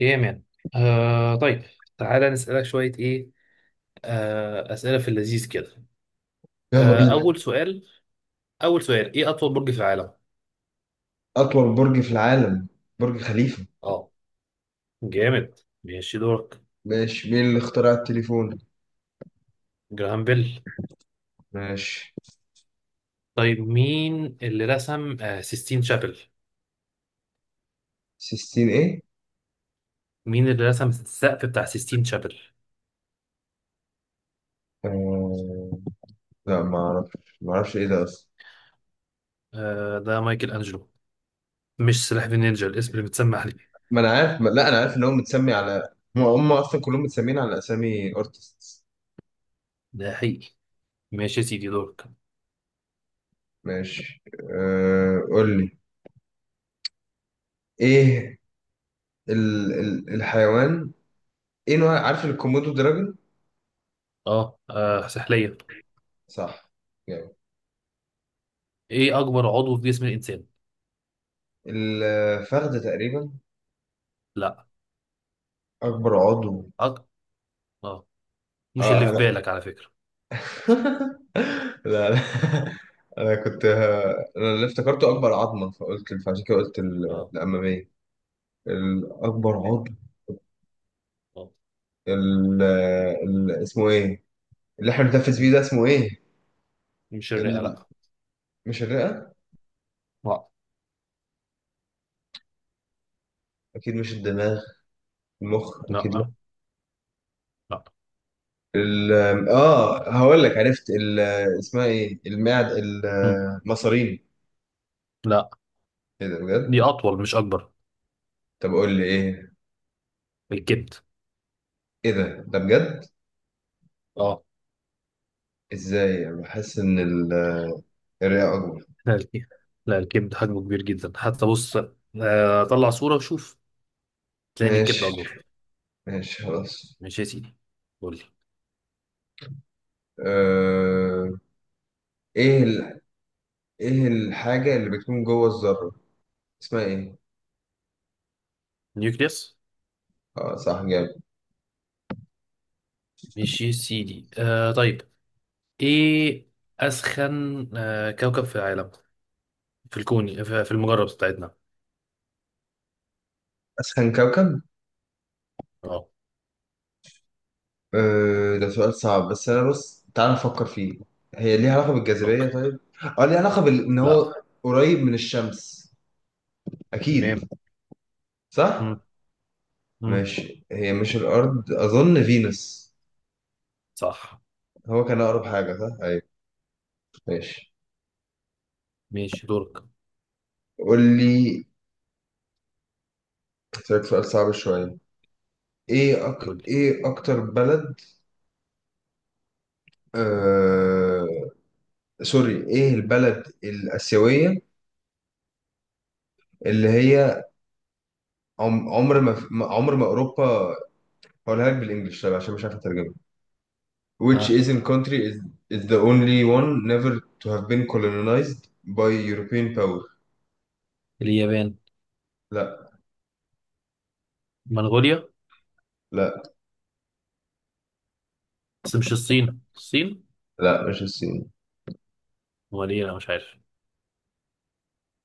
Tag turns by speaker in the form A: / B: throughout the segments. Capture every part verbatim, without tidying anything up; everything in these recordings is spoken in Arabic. A: ايه يا مان. آه طيب، تعالى نسألك شوية ايه، آه أسئلة في اللذيذ كده.
B: يلا
A: آه
B: بينا.
A: أول سؤال أول سؤال، ايه أطول برج في العالم؟
B: أطول برج في العالم، برج خليفة.
A: اه، جامد، ماشي دورك.
B: ماشي. مين اللي اخترع التليفون؟
A: جراهام بيل.
B: ماشي.
A: طيب مين اللي رسم آه سيستين شابل؟
B: سيستين إيه؟
A: مين اللي رسم السقف بتاع سيستين شابل؟
B: آه... لا، ما أعرفش ما أعرفش إيه ده أصلا.
A: آه ده مايكل أنجلو. مش سلاح ذو النينجا الاسم اللي متسمى عليه؟
B: ما أنا عارف ما... لا، أنا عارف إن هو متسمي على هم هم أصلا، كلهم متسمين على أسامي أرتستس.
A: ده حقيقي. ماشي يا سيدي، دورك.
B: ماشي. آه... قول لي إيه ال... ال... الحيوان. إيه نوع، عارف الكومودو دراجون؟
A: اه, آه سحلية.
B: صح، جامد.
A: ايه أكبر عضو في جسم الإنسان؟
B: الفخذ تقريبا.
A: لا.
B: أكبر عضو.
A: أك... اه، مش
B: آه،
A: اللي في
B: لا.
A: بالك على فكرة.
B: لا، لا. انا كنت انا اللي افتكرته اكبر عظمه، فقلت، فعشان كده قلت ال-
A: اه،
B: الاماميه، الاكبر
A: إيه؟
B: عظم.
A: آه.
B: ال... ال... اسمه ايه اللي احنا بنتنفس بيه
A: مم.
B: ده، اسمه ايه؟
A: مش الرئة،
B: ال...
A: لا.
B: مش الرئه.
A: لا،
B: اكيد مش الدماغ. المخ اكيد، لا.
A: لا، لا.
B: ال... اه، هقول لك، عرفت. ال... اسمها ايه، المعد،
A: مم.
B: المصارين؟
A: لا.
B: ايه ده بجد؟
A: دي أطول مش أكبر.
B: طب قول لي ايه.
A: الكبد.
B: ايه ده ده بجد؟
A: اه.
B: ازاي انا بحس ان ال- الرئه اكبر؟
A: لا الكبد. لا الكبد حجمه كبير جدا، حتى بص. آه، طلع صورة وشوف، تلاقي إن الكبد
B: ماشي،
A: أكبر.
B: ماشي، خلاص.
A: ماشي يا سيدي، قول لي.
B: آه، ايه ال... ايه الحاجة اللي بتكون جوه الذرة، اسمها ايه؟
A: نيوكليوس.
B: اه، صح، جامد.
A: ماشي يا سيدي، آه طيب، إيه أسخن آه كوكب في العالم، في الكون، في في المجرة بتاعتنا.
B: اسخن كوكب.
A: اه.
B: آه، ده سؤال صعب، بس انا بص، تعال نفكر فيه. هي ليها علاقة بالجاذبية،
A: اوكي.
B: طيب. اه، ليها علاقة بال... ان هو
A: لا.
B: قريب من الشمس، اكيد.
A: تمام.
B: صح.
A: مم. مم.
B: ماشي، هي مش الارض، اظن فينوس.
A: صح.
B: هو كان اقرب حاجة، صح، ايوه. ماشي.
A: ماشي دورك،
B: قول لي. هسألك سؤال صعب شوية. ايه أك...
A: قول لي.
B: ايه اكتر بلد، آه... سوري، ايه البلد الآسيوية اللي هي عم- عمر ما ما- عمر ما أوروبا؟ هقولها لك بالإنجلش، طيب، عشان مش عارف أترجمها. Which Asian country is is the only one never to have been colonized by European power?
A: اليابان.
B: لا،
A: منغوليا.
B: لا،
A: بس مش الصين الصين؟
B: لا، مش الصين.
A: ولا ايه، انا مش عارف.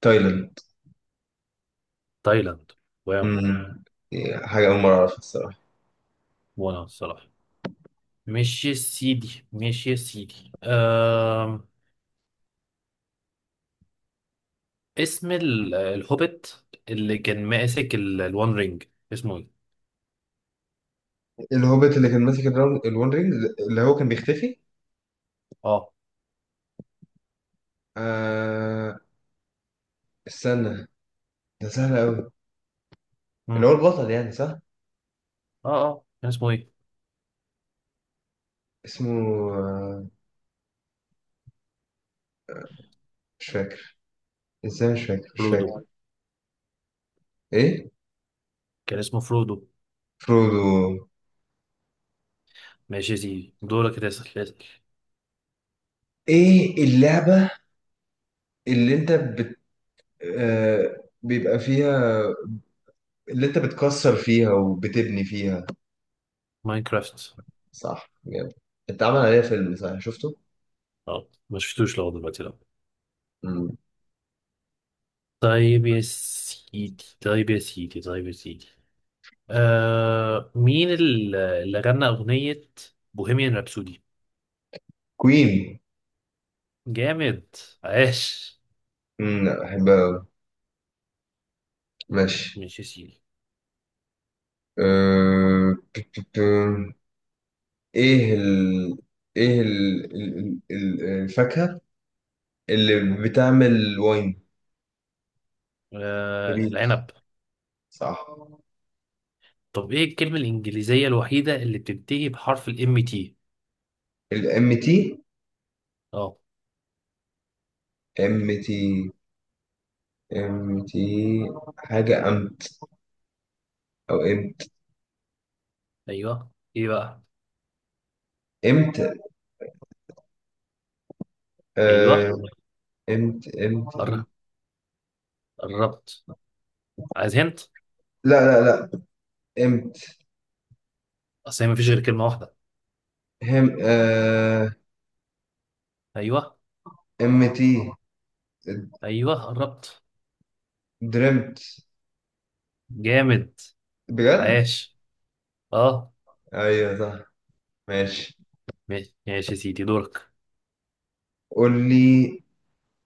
B: تايلاند.
A: تايلاند. واو.
B: امم. حاجة أول مرة أعرفها الصراحة.
A: وانا الصراحه. ماشي يا سيدي، ماشي يا سيدي أم... اسم ال- الهوبيت اللي كان ماسك ال- الوان رينج، اسمه ايه؟
B: الهوبيت اللي كان ماسك الراون- الون رينج، اللي هو كان بيختفي.
A: اه.
B: آه استنى، ده سهل أوي. اللي هو
A: مم.
B: البطل يعني، صح.
A: اه، اه كان اسمه ايه؟
B: اسمه، آه، مش فاكر. ازاي مش فاكر؟ مش
A: فرودو.
B: فاكر. ايه؟
A: كان اسمه فرودو.
B: فرودو.
A: ماشي يا سيدي، دورك، تسأل اسأل.
B: ايه اللعبة اللي انت بت... آه... بيبقى فيها، اللي انت بتكسر فيها وبتبني فيها؟
A: ماينكرافت.
B: صح، جامد. اتعمل عليها فيلم، صح، شفته؟
A: اه ما شفتوش لغايه دلوقتي، لا.
B: مم.
A: طيب يا سيدي طيب يا سيدي طيب يا سيدي، آه مين ال- اللي غنى أغنية بوهيميان رابسودي؟
B: كوين.
A: جامد. عاش.
B: مم، لا، بحبها أوي. ماشي.
A: مش يا سيدي.
B: آه... بت- بت- ايه ال... ايه ال... ال... ال- الفاكهة اللي بتعمل واين؟
A: آه
B: نبيت،
A: العنب.
B: صح.
A: طب ايه الكلمة الإنجليزية الوحيدة اللي بتنتهي بحرف الام تي؟
B: الام تي.
A: اه.
B: ام تي، ام تي. حاجة ام، او امت.
A: ايوه، ايه بقى؟
B: امت، آه،
A: ايوه.
B: امت. امت،
A: قر-
B: امت.
A: قربت. عايز هنت؟
B: لا، لا، لا. امت.
A: اصل هي مفيش غير كلمة واحدة.
B: هم، آه.
A: ايوه.
B: امتي.
A: ايوه قربت.
B: درمت.
A: جامد.
B: بجد؟
A: عاش. اه.
B: ايوه، صح. ماشي.
A: ماشي، ماشي يا سيدي دورك.
B: قول لي.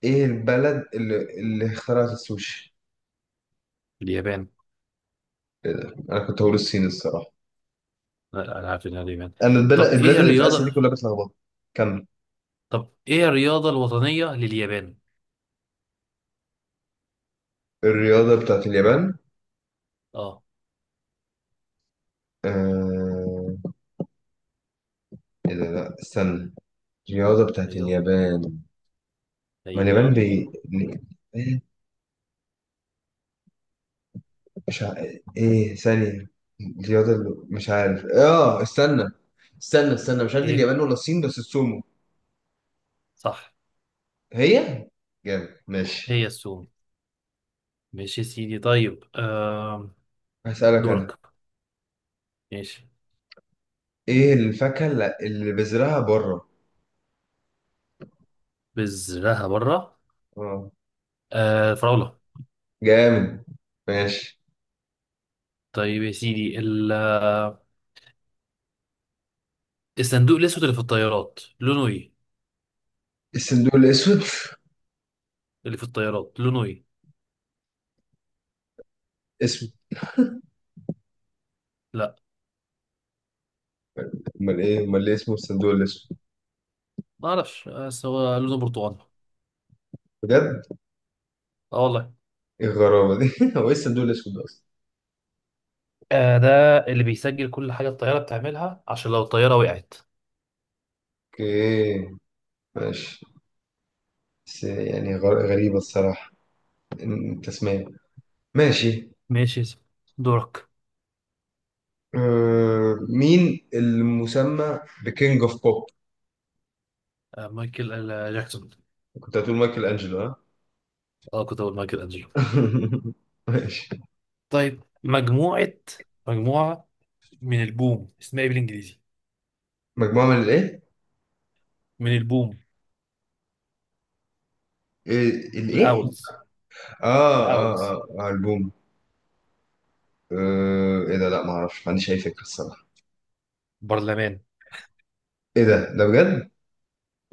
B: ايه البلد اللي اللي اخترعت السوشي؟
A: اليابان.
B: إيه ده؟ انا كنت هقول الصين الصراحه.
A: لا، انا عارف انها اليابان.
B: انا البلد
A: طب ايه
B: البلاد اللي في اسيا دي
A: الرياضة
B: كلها بتلخبط. كمل.
A: طب ايه الرياضة الوطنية لليابان؟
B: الرياضه بتاعت اليابان.
A: اه.
B: آه... ايه ده، لا استنى. الرياضه بتاعت
A: ايوه.
B: اليابان. ما اليابان
A: ايوه.
B: بي... مش ع... ايه ثانية، الرياضة اللي، مش عارف، اه استنى. استنى، استنى، مش عارف دي
A: ايه.
B: اليابان ولا الصين، بس السومو.
A: صح.
B: هي. جامد، ماشي.
A: هي السومو. ماشي يا سيدي، طيب، آم،
B: هسألك انا.
A: دورك. ماشي.
B: ايه الفاكهة اللي اللي بذرها بره؟
A: بذرها بره؟
B: اه،
A: آه فراولة.
B: جامد. ماشي.
A: طيب يا سيدي، ال- آه، الصندوق الاسود اللي في الطيارات لونه ايه؟
B: الصندوق الاسود،
A: اللي في الطيارات لونه ايه؟
B: اسمه؟
A: لا،
B: امال ايه؟ امال ليه اسمه الصندوق الاسود؟
A: ما اعرفش، بس هو لونه برتقاني.
B: بجد؟
A: اه والله.
B: ايه الغرابة دي؟ هو ايه الصندوق الاسود ده اصلا؟
A: آه ده اللي بيسجل كل حاجة الطيارة بتعملها عشان لو الطيارة وقعت.
B: اوكي، ماشي. بس يعني، غر- غريبة الصراحة، إن- التسمية. ماشي.
A: ماشي يا سيدي، دورك.
B: آه، مين المسمى بكينج اوف بوب؟
A: آه مايكل آه، جاكسون.
B: كنت هتقول مايكل انجلو، ها؟
A: اه كنت اقول مايكل انجلو.
B: ماشي.
A: طيب، مجموعة مجموعة من البوم، اسمها ايه بالانجليزي؟
B: مجموعة من الايه؟
A: من البوم.
B: إيه- الايه؟
A: الاولز.
B: اه، اه،
A: الاولز.
B: اه، آه، البوم. آه، ايه ده؟ لا، ما اعرفش، ما عنديش اي فكرة الصراحة.
A: برلمان.
B: ايه ده ده بجد؟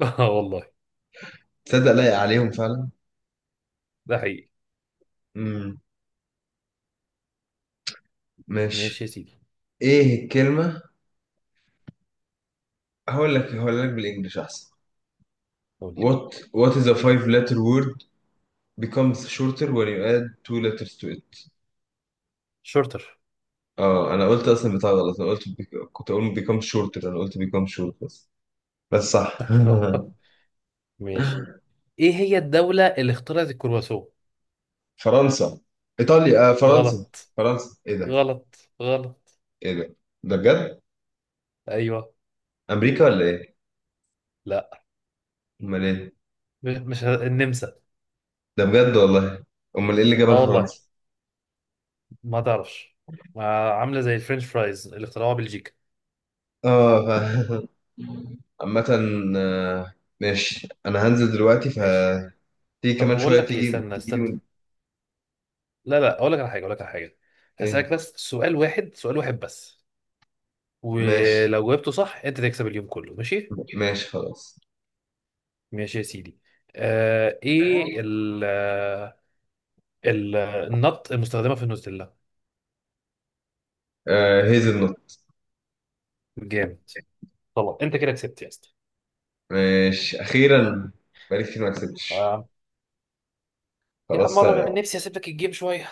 A: اه والله.
B: تصدق لايق عليهم فعلا؟
A: ده حقيقي.
B: امم.
A: ماشي يا
B: ماشي.
A: سيدي،
B: ايه الكلمة؟ هقول لك هقول لك بالانجلش احسن.
A: قول لي.
B: What What is a five letter word becomes shorter when you add two letters to it?
A: شورتر.
B: اه، انا قلت اصلا بتاع غلط. انا قلت بيك... كنت اقول بيكام شورت. انا قلت بيكام شورت، بس. بس صح.
A: ماشي. ايه هي الدولة اللي اخترعت الكرواسون؟
B: فرنسا. ايطاليا، آه فرنسا.
A: غلط.
B: فرنسا، ايه ده؟
A: غلط، غلط.
B: ايه ده ده بجد؟
A: ايوه.
B: امريكا ولا ايه؟
A: لا.
B: امال ايه؟
A: م- مش ه- النمسا.
B: ده بجد والله؟ امال ايه اللي جابها
A: اه والله.
B: لفرنسا؟
A: ما تعرفش. ما عاملة زي الفرنش فرايز اللي اخترعوها بلجيكا.
B: اه، ف... عامة. آه، ماشي، انا هنزل دلوقتي
A: ماشي.
B: فتيجي.
A: طب
B: كمان
A: بقول
B: شوية،
A: لك ايه،
B: تيجي،
A: استنى
B: تيجي لي
A: استنى.
B: من...
A: لا لا، اقول لك على حاجه، اقول لك على حاجه
B: ايه؟
A: هسألك بس سؤال واحد، سؤال واحد بس.
B: ماشي،
A: ولو جاوبته صح انت تكسب اليوم كله، ماشي؟
B: ماشي، خلاص.
A: ماشي يا سيدي. آه ايه ال ال النط المستخدمه في النوتيلا؟
B: آه هيزل نوت.
A: جامد. طبعا انت كده كسبت يا اسطى.
B: ماشي، اخيرا. بقالي كتير ما كسبتش.
A: آه. يا عم
B: خلاص.
A: مره من نفسي هسيب لك الجيم شويه.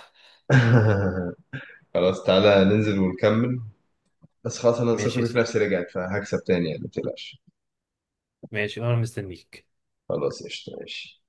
B: خلاص، تعالى ننزل ونكمل. بس خلاص، انا
A: ماشي يا
B: ثقتي في
A: سيدي.
B: نفسي رجعت فهكسب تاني يعني، ما تقلقش.
A: ماشي، انا مستنيك.
B: خلاص، قشطة، ماشي.